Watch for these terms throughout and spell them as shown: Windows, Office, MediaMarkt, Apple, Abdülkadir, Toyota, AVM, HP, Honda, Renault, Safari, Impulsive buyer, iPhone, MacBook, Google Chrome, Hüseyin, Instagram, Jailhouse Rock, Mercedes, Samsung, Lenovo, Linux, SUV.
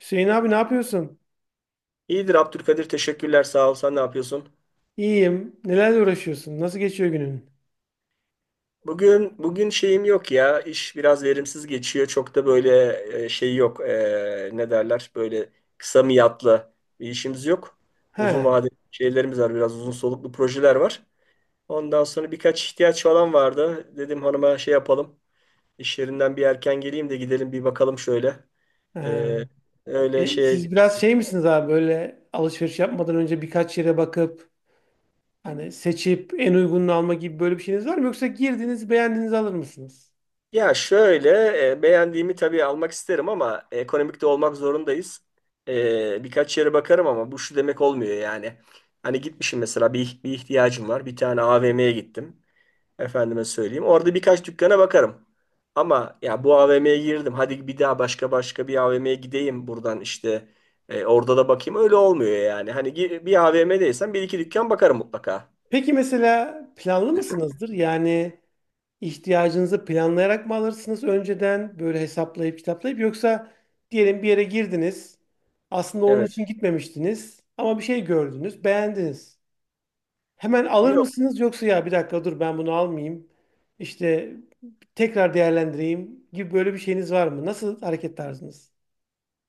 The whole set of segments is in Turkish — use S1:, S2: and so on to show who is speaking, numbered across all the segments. S1: Hüseyin abi ne yapıyorsun?
S2: İyidir Abdülkadir, teşekkürler, sağ ol. Sen ne yapıyorsun?
S1: İyiyim. Nelerle uğraşıyorsun? Nasıl geçiyor günün?
S2: Bugün şeyim yok ya, iş biraz verimsiz geçiyor, çok da böyle şey yok. Ne derler, böyle kısa miyatlı bir işimiz yok. Uzun
S1: He.
S2: vadeli şeylerimiz var, biraz uzun soluklu projeler var. Ondan sonra birkaç ihtiyaç falan vardı, dedim hanıma şey yapalım, iş yerinden bir erken geleyim de gidelim bir bakalım şöyle. E,
S1: He.
S2: Öyle
S1: E,
S2: şey.
S1: siz biraz şey misiniz abi böyle alışveriş yapmadan önce birkaç yere bakıp hani seçip en uygununu alma gibi böyle bir şeyiniz var mı? Yoksa girdiniz beğendiğinizi alır mısınız?
S2: Ya şöyle, beğendiğimi tabii almak isterim ama ekonomik de olmak zorundayız. Birkaç yere bakarım ama bu şu demek olmuyor yani. Hani gitmişim mesela, bir ihtiyacım var. Bir tane AVM'ye gittim. Efendime söyleyeyim, orada birkaç dükkana bakarım. Ama ya bu AVM'ye girdim, hadi bir daha başka başka bir AVM'ye gideyim buradan işte. Orada da bakayım. Öyle olmuyor yani. Hani bir AVM'deysem bir iki dükkan bakarım mutlaka.
S1: Peki mesela planlı mısınızdır? Yani ihtiyacınızı planlayarak mı alırsınız önceden böyle hesaplayıp kitaplayıp yoksa diyelim bir yere girdiniz aslında onun için
S2: Evet.
S1: gitmemiştiniz ama bir şey gördünüz beğendiniz. Hemen alır mısınız yoksa ya bir dakika dur ben bunu almayayım. İşte tekrar değerlendireyim gibi böyle bir şeyiniz var mı? Nasıl hareket tarzınız?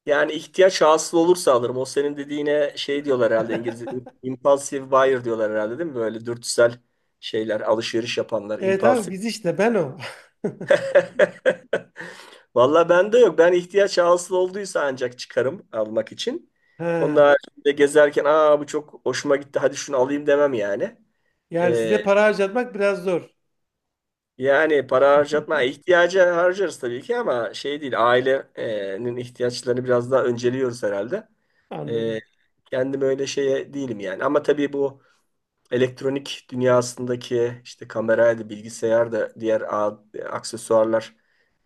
S2: Yani ihtiyaç hasıl olursa alırım. O senin dediğine şey diyorlar herhalde, İngilizce. Impulsive buyer diyorlar herhalde, değil mi? Böyle dürtüsel şeyler, alışveriş yapanlar.
S1: Evet abi
S2: Impulsive.
S1: biz işte ben o.
S2: Valla bende yok. Ben ihtiyaç hasıl olduysa ancak çıkarım almak için. Onun
S1: Ha.
S2: haricinde gezerken, aa bu çok hoşuma gitti hadi şunu alayım demem yani.
S1: Yani
S2: Ee,
S1: size para harcatmak biraz zor.
S2: Yani para harcatma, ihtiyaca harcarız tabii ki, ama şey değil, ailenin ihtiyaçlarını biraz daha önceliyoruz herhalde. E,
S1: Anladım.
S2: Kendim öyle şeye değilim yani. Ama tabii bu elektronik dünyasındaki işte kameraydı, bilgisayar da diğer aksesuarlar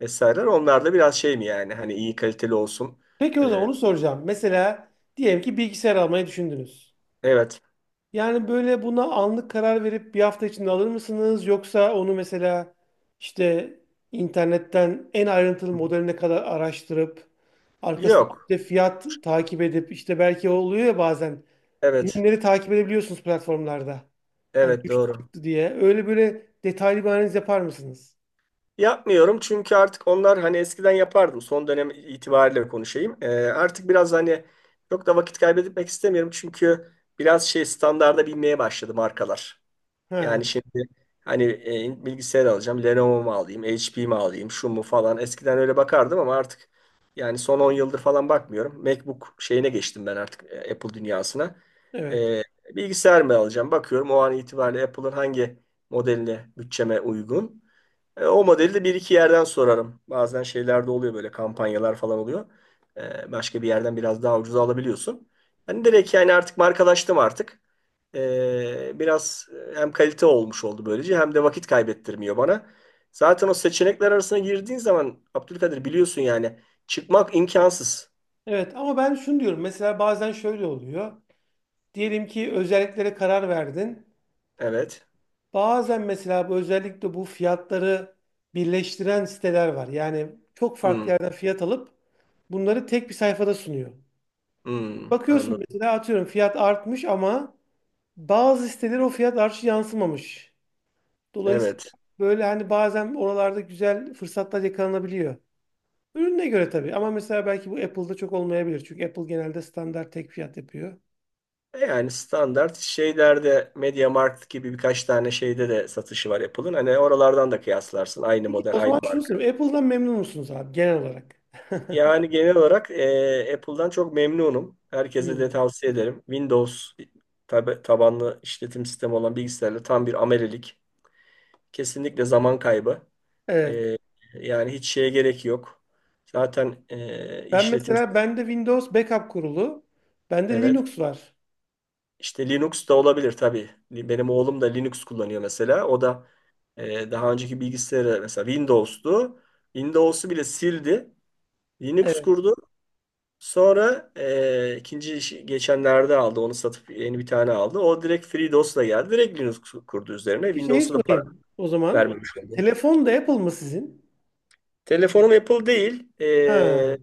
S2: vesaireler, onlar da biraz şey mi, yani hani iyi kaliteli olsun.
S1: Peki o zaman
S2: E,
S1: onu soracağım. Mesela diyelim ki bilgisayar almayı düşündünüz.
S2: evet.
S1: Yani böyle buna anlık karar verip bir hafta içinde alır mısınız? Yoksa onu mesela işte internetten en ayrıntılı modeline kadar araştırıp arkasında
S2: Yok.
S1: işte fiyat takip edip işte belki oluyor ya bazen
S2: Evet.
S1: ürünleri takip edebiliyorsunuz platformlarda. Hani
S2: Evet
S1: düştü
S2: doğru.
S1: çıktı diye. Öyle böyle detaylı bir analiz yapar mısınız?
S2: Yapmıyorum çünkü artık onlar, hani eskiden yapardım. Son dönem itibariyle konuşayım. Artık biraz hani çok da vakit kaybetmek istemiyorum, çünkü biraz şey, standarda binmeye başladı markalar.
S1: He,
S2: Yani şimdi hani bilgisayar alacağım, Lenovo mu alayım, HP mi alayım, şu mu falan. Eskiden öyle bakardım ama artık, yani son 10 yıldır falan bakmıyorum. MacBook şeyine geçtim ben artık, Apple dünyasına.
S1: evet.
S2: E, Bilgisayar mı alacağım? Bakıyorum o an itibariyle Apple'ın hangi modeline bütçeme uygun. O modeli de bir iki yerden sorarım. Bazen şeyler de oluyor, böyle kampanyalar falan oluyor. Başka bir yerden biraz daha ucuza alabiliyorsun. Hani direkt, yani artık markalaştım artık. Biraz hem kalite olmuş oldu böylece, hem de vakit kaybettirmiyor bana. Zaten o seçenekler arasına girdiğin zaman Abdülkadir, biliyorsun yani, çıkmak imkansız.
S1: Evet, ama ben şunu diyorum. Mesela bazen şöyle oluyor. Diyelim ki özelliklere karar verdin.
S2: Evet.
S1: Bazen mesela bu özellikle bu fiyatları birleştiren siteler var. Yani çok
S2: Hmm,
S1: farklı yerden fiyat alıp bunları tek bir sayfada sunuyor.
S2: hmm,
S1: Bakıyorsun
S2: anladım.
S1: mesela atıyorum fiyat artmış ama bazı siteler o fiyat artışı yansımamış. Dolayısıyla
S2: Evet.
S1: böyle hani bazen oralarda güzel fırsatlar yakalanabiliyor. Ürüne göre tabii ama mesela belki bu Apple'da çok olmayabilir. Çünkü Apple genelde standart tek fiyat yapıyor.
S2: Yani standart şeylerde MediaMarkt gibi birkaç tane şeyde de satışı var Apple'ın. Hani oralardan da kıyaslarsın. Aynı
S1: Peki o
S2: model, aynı
S1: zaman şunu
S2: marka.
S1: sorayım. Apple'dan memnun musunuz abi genel olarak?
S2: Yani genel olarak Apple'dan çok memnunum. Herkese de
S1: Hmm.
S2: tavsiye ederim. Windows tabanlı işletim sistemi olan bilgisayarla tam bir amelelik. Kesinlikle zaman kaybı.
S1: Evet.
S2: E, Yani hiç şeye gerek yok. Zaten
S1: Ben
S2: işletim,
S1: mesela bende Windows backup kurulu, bende
S2: evet.
S1: Linux var.
S2: İşte Linux da olabilir tabii. Benim oğlum da Linux kullanıyor mesela. O da daha önceki bilgisayarı mesela Windows'tu. Windows'u bile sildi. Linux
S1: Evet.
S2: kurdu. Sonra ikinci işi geçenlerde aldı. Onu satıp yeni bir tane aldı. O direkt FreeDOS'la geldi. Direkt Linux kurdu üzerine.
S1: Peki şeyi
S2: Windows'a da para
S1: sorayım o zaman.
S2: vermemiş oldu.
S1: Telefon da Apple mı sizin?
S2: Telefonum Apple değil.
S1: Ha.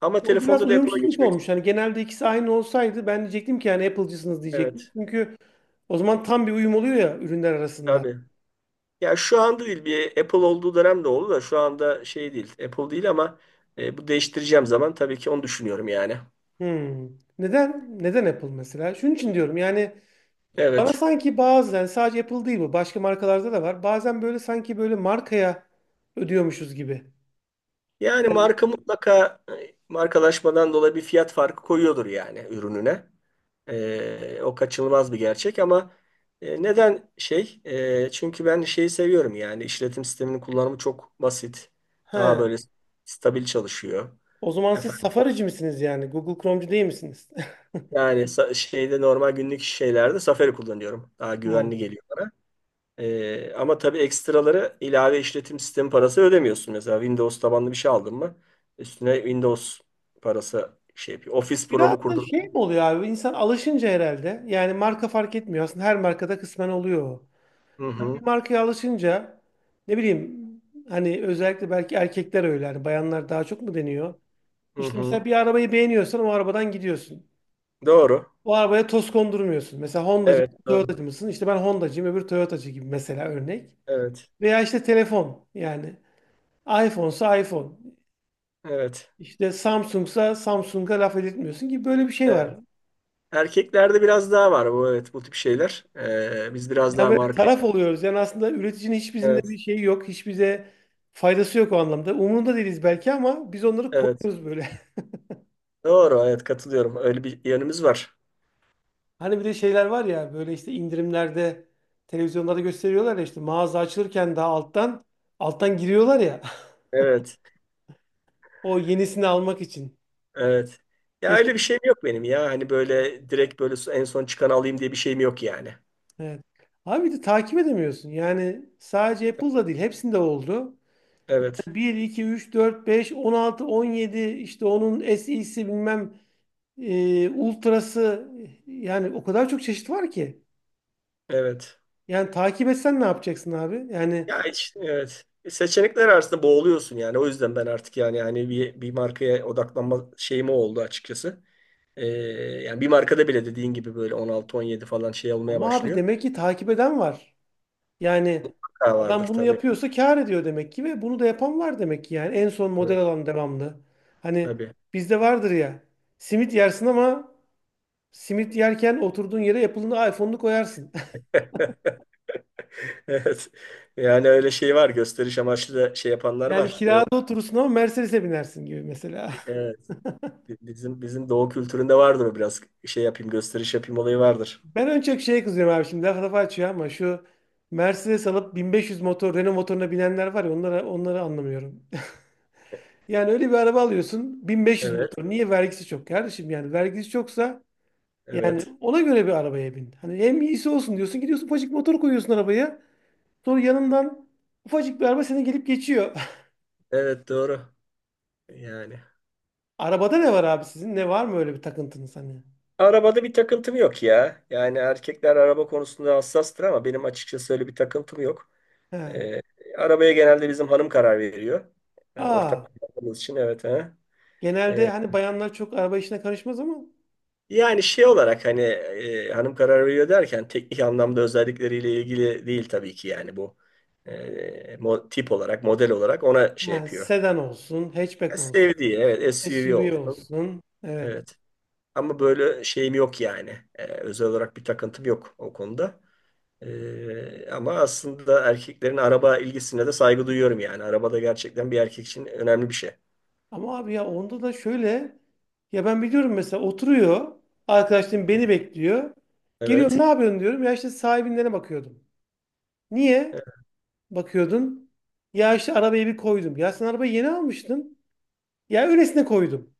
S2: Ama
S1: O biraz
S2: telefonda da Apple'a
S1: uyumsuzluk
S2: geçmek...
S1: olmuş. Hani genelde ikisi aynı olsaydı ben diyecektim ki yani Apple'cısınız diyecektim.
S2: Evet.
S1: Çünkü o zaman tam bir uyum oluyor ya ürünler arasında.
S2: Tabii. Ya şu anda değil. Bir Apple olduğu dönem de oldu da şu anda şey değil. Apple değil ama bu değiştireceğim zaman tabii ki onu düşünüyorum yani.
S1: Hmm. Neden? Neden Apple mesela? Şunun için diyorum yani bana
S2: Evet.
S1: sanki bazen sadece Apple değil bu başka markalarda da var. Bazen böyle sanki böyle markaya ödüyormuşuz gibi.
S2: Yani marka mutlaka markalaşmadan dolayı bir fiyat farkı koyuyordur yani ürününe. O kaçınılmaz bir gerçek, ama neden şey? Çünkü ben şeyi seviyorum, yani işletim sisteminin kullanımı çok basit. Daha
S1: He.
S2: böyle stabil çalışıyor.
S1: O zaman siz
S2: Efendim,
S1: Safari'ci misiniz yani? Google Chrome'cu değil misiniz?
S2: yani şeyde, normal günlük şeylerde Safari kullanıyorum. Daha güvenli
S1: Hmm.
S2: geliyor bana. Ama tabii ekstraları, ilave işletim sistemi parası ödemiyorsun. Mesela Windows tabanlı bir şey aldın mı üstüne Windows parası şey yapıyor. Office
S1: Biraz
S2: programı
S1: da
S2: kurdur.
S1: şey mi oluyor abi? İnsan alışınca herhalde. Yani marka fark etmiyor. Aslında her markada kısmen oluyor. O.
S2: Hı
S1: Yani bir
S2: hı,
S1: markaya alışınca ne bileyim hani özellikle belki erkekler öyle. Hani bayanlar daha çok mu deniyor?
S2: hı
S1: İşte
S2: hı.
S1: mesela bir arabayı beğeniyorsan o arabadan gidiyorsun.
S2: Doğru.
S1: O arabaya toz kondurmuyorsun. Mesela Honda'cı,
S2: Evet, doğru.
S1: Toyota'cı mısın? İşte ben Honda'cıyım, öbür Toyota'cı gibi mesela örnek.
S2: Evet,
S1: Veya işte telefon yani. iPhone'sa iPhone.
S2: evet,
S1: İşte Samsung'sa Samsung'a laf edilmiyorsun ki böyle bir şey
S2: evet.
S1: var.
S2: Erkeklerde biraz daha var bu, evet, bu tip şeyler. Biz biraz
S1: Yani
S2: daha
S1: böyle
S2: marka.
S1: taraf oluyoruz. Yani aslında üreticinin hiç bizimle bir
S2: Evet,
S1: şeyi yok. Hiç bize faydası yok o anlamda. Umurunda değiliz belki ama biz onları
S2: evet.
S1: koruyoruz böyle.
S2: Doğru, evet, katılıyorum. Öyle bir yanımız var.
S1: Hani bir de şeyler var ya böyle işte indirimlerde televizyonlarda gösteriyorlar ya işte mağaza açılırken daha alttan alttan giriyorlar ya
S2: Evet,
S1: o yenisini almak için.
S2: evet. Ya
S1: Geçen,
S2: öyle bir şeyim yok benim ya. Hani böyle direkt böyle en son çıkanı alayım diye bir şeyim yok yani.
S1: evet. Abi bir de takip edemiyorsun. Yani sadece Apple'da değil hepsinde oldu.
S2: Evet.
S1: Bir iki üç dört beş 16 17 işte onun SE'si bilmem Ultra'sı yani o kadar çok çeşit var ki.
S2: Evet.
S1: Yani takip etsen ne yapacaksın abi? Yani
S2: Ya evet. Seçenekler arasında boğuluyorsun yani. O yüzden ben artık yani, bir markaya odaklanma şeyim o oldu açıkçası. Ee, Yani bir markada bile dediğin gibi böyle 16-17 falan şey olmaya
S1: ama abi
S2: başlıyor.
S1: demek ki takip eden var. Yani
S2: Ha vardır
S1: adam bunu
S2: tabii.
S1: yapıyorsa kâr ediyor demek ki ve bunu da yapan var demek ki yani en son model
S2: Evet.
S1: alan devamlı. Hani
S2: Tabii.
S1: bizde vardır ya simit yersin ama simit yerken oturduğun yere Apple'ın iPhone'unu koyarsın.
S2: Evet. Yani öyle şey var. Gösteriş amaçlı da şey yapanlar
S1: Yani
S2: var. Doğu,
S1: kirada oturursun ama Mercedes'e binersin gibi mesela.
S2: evet. Bizim doğu kültüründe vardır o biraz. Şey yapayım, gösteriş yapayım olayı vardır.
S1: Ben en çok şeye kızıyorum abi şimdi laf lafı açıyor ama şu Mercedes alıp 1500 motor Renault motoruna binenler var ya onlara onları anlamıyorum. Yani öyle bir araba alıyorsun 1500
S2: Evet.
S1: motor. Niye vergisi çok kardeşim yani vergisi çoksa yani
S2: Evet.
S1: ona göre bir arabaya bin. Hani hem iyisi olsun diyorsun gidiyorsun ufacık motor koyuyorsun arabaya. Sonra yanından ufacık bir araba seni gelip geçiyor.
S2: Evet, doğru. Yani.
S1: Arabada ne var abi sizin? Ne var mı öyle bir takıntınız hani?
S2: Arabada bir takıntım yok ya. Yani erkekler araba konusunda hassastır ama benim açıkçası öyle bir takıntım yok.
S1: He.
S2: Ee, Arabaya genelde bizim hanım karar veriyor.
S1: Aa,
S2: Ortak kullandığımız için, evet. Ha.
S1: genelde
S2: Ee,
S1: hani bayanlar çok araba işine karışmaz ama
S2: Yani şey olarak, hani hanım karar veriyor derken teknik anlamda özellikleriyle ilgili değil tabii ki yani bu. Tip olarak, model olarak ona şey
S1: yani
S2: yapıyor.
S1: sedan olsun, hatchback olsun.
S2: Sevdiği, evet, SUV
S1: SUV
S2: olsun.
S1: olsun. Evet.
S2: Evet. Ama böyle şeyim yok yani. Özel olarak bir takıntım yok o konuda. Ama aslında erkeklerin araba ilgisine de saygı duyuyorum yani. Araba da gerçekten bir erkek için önemli bir şey.
S1: Ama abi ya onda da şöyle ya ben biliyorum mesela oturuyor arkadaşlarım beni bekliyor. Geliyorum ne
S2: Evet.
S1: yapıyorsun diyorum. Ya işte sahibinlere bakıyordum. Niye
S2: Evet.
S1: bakıyordun? Ya işte arabayı bir koydum. Ya sen arabayı yeni almıştın. Ya öylesine koydum.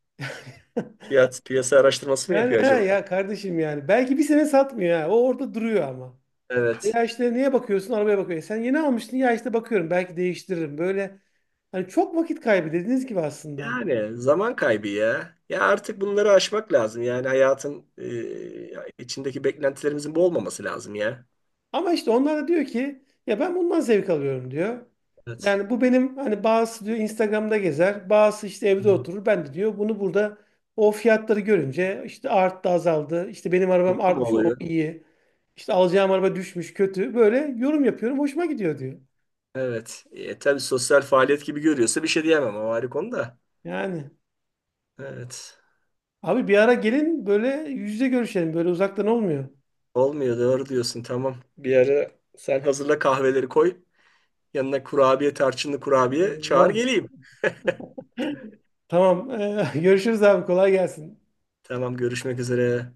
S2: Fiyat piyasa araştırması mı
S1: Yani
S2: yapıyor
S1: ha
S2: acaba?
S1: ya kardeşim yani. Belki bir sene satmıyor ha. O orada duruyor ama.
S2: Evet.
S1: Ya işte niye bakıyorsun? Arabaya bakıyorsun? Sen yeni almıştın. Ya işte bakıyorum. Belki değiştiririm. Böyle hani çok vakit kaybı dediğiniz gibi aslında.
S2: Yani zaman kaybı ya. Ya artık bunları aşmak lazım. Yani hayatın içindeki beklentilerimizin bu olmaması lazım ya.
S1: Ama işte onlar da diyor ki ya ben bundan zevk alıyorum diyor.
S2: Evet.
S1: Yani bu benim hani bazısı diyor Instagram'da gezer, bazısı işte evde
S2: Hı.
S1: oturur. Ben de diyor bunu burada o fiyatları görünce işte arttı azaldı. İşte benim arabam
S2: Mutlu mu
S1: artmış o
S2: oluyor?
S1: iyi. İşte alacağım araba düşmüş kötü. Böyle yorum yapıyorum hoşuma gidiyor diyor.
S2: Evet. Tabii, sosyal faaliyet gibi görüyorsa bir şey diyemem. O ayrı konu da.
S1: Yani
S2: Evet.
S1: abi bir ara gelin böyle yüz yüze görüşelim böyle uzaktan olmuyor.
S2: Olmuyor, doğru diyorsun, tamam. Bir ara sen hazırla, kahveleri koy. Yanına kurabiye, tarçınlı kurabiye, çağır
S1: Allah.
S2: geleyim.
S1: Tamam görüşürüz abi kolay gelsin.
S2: Tamam, görüşmek üzere.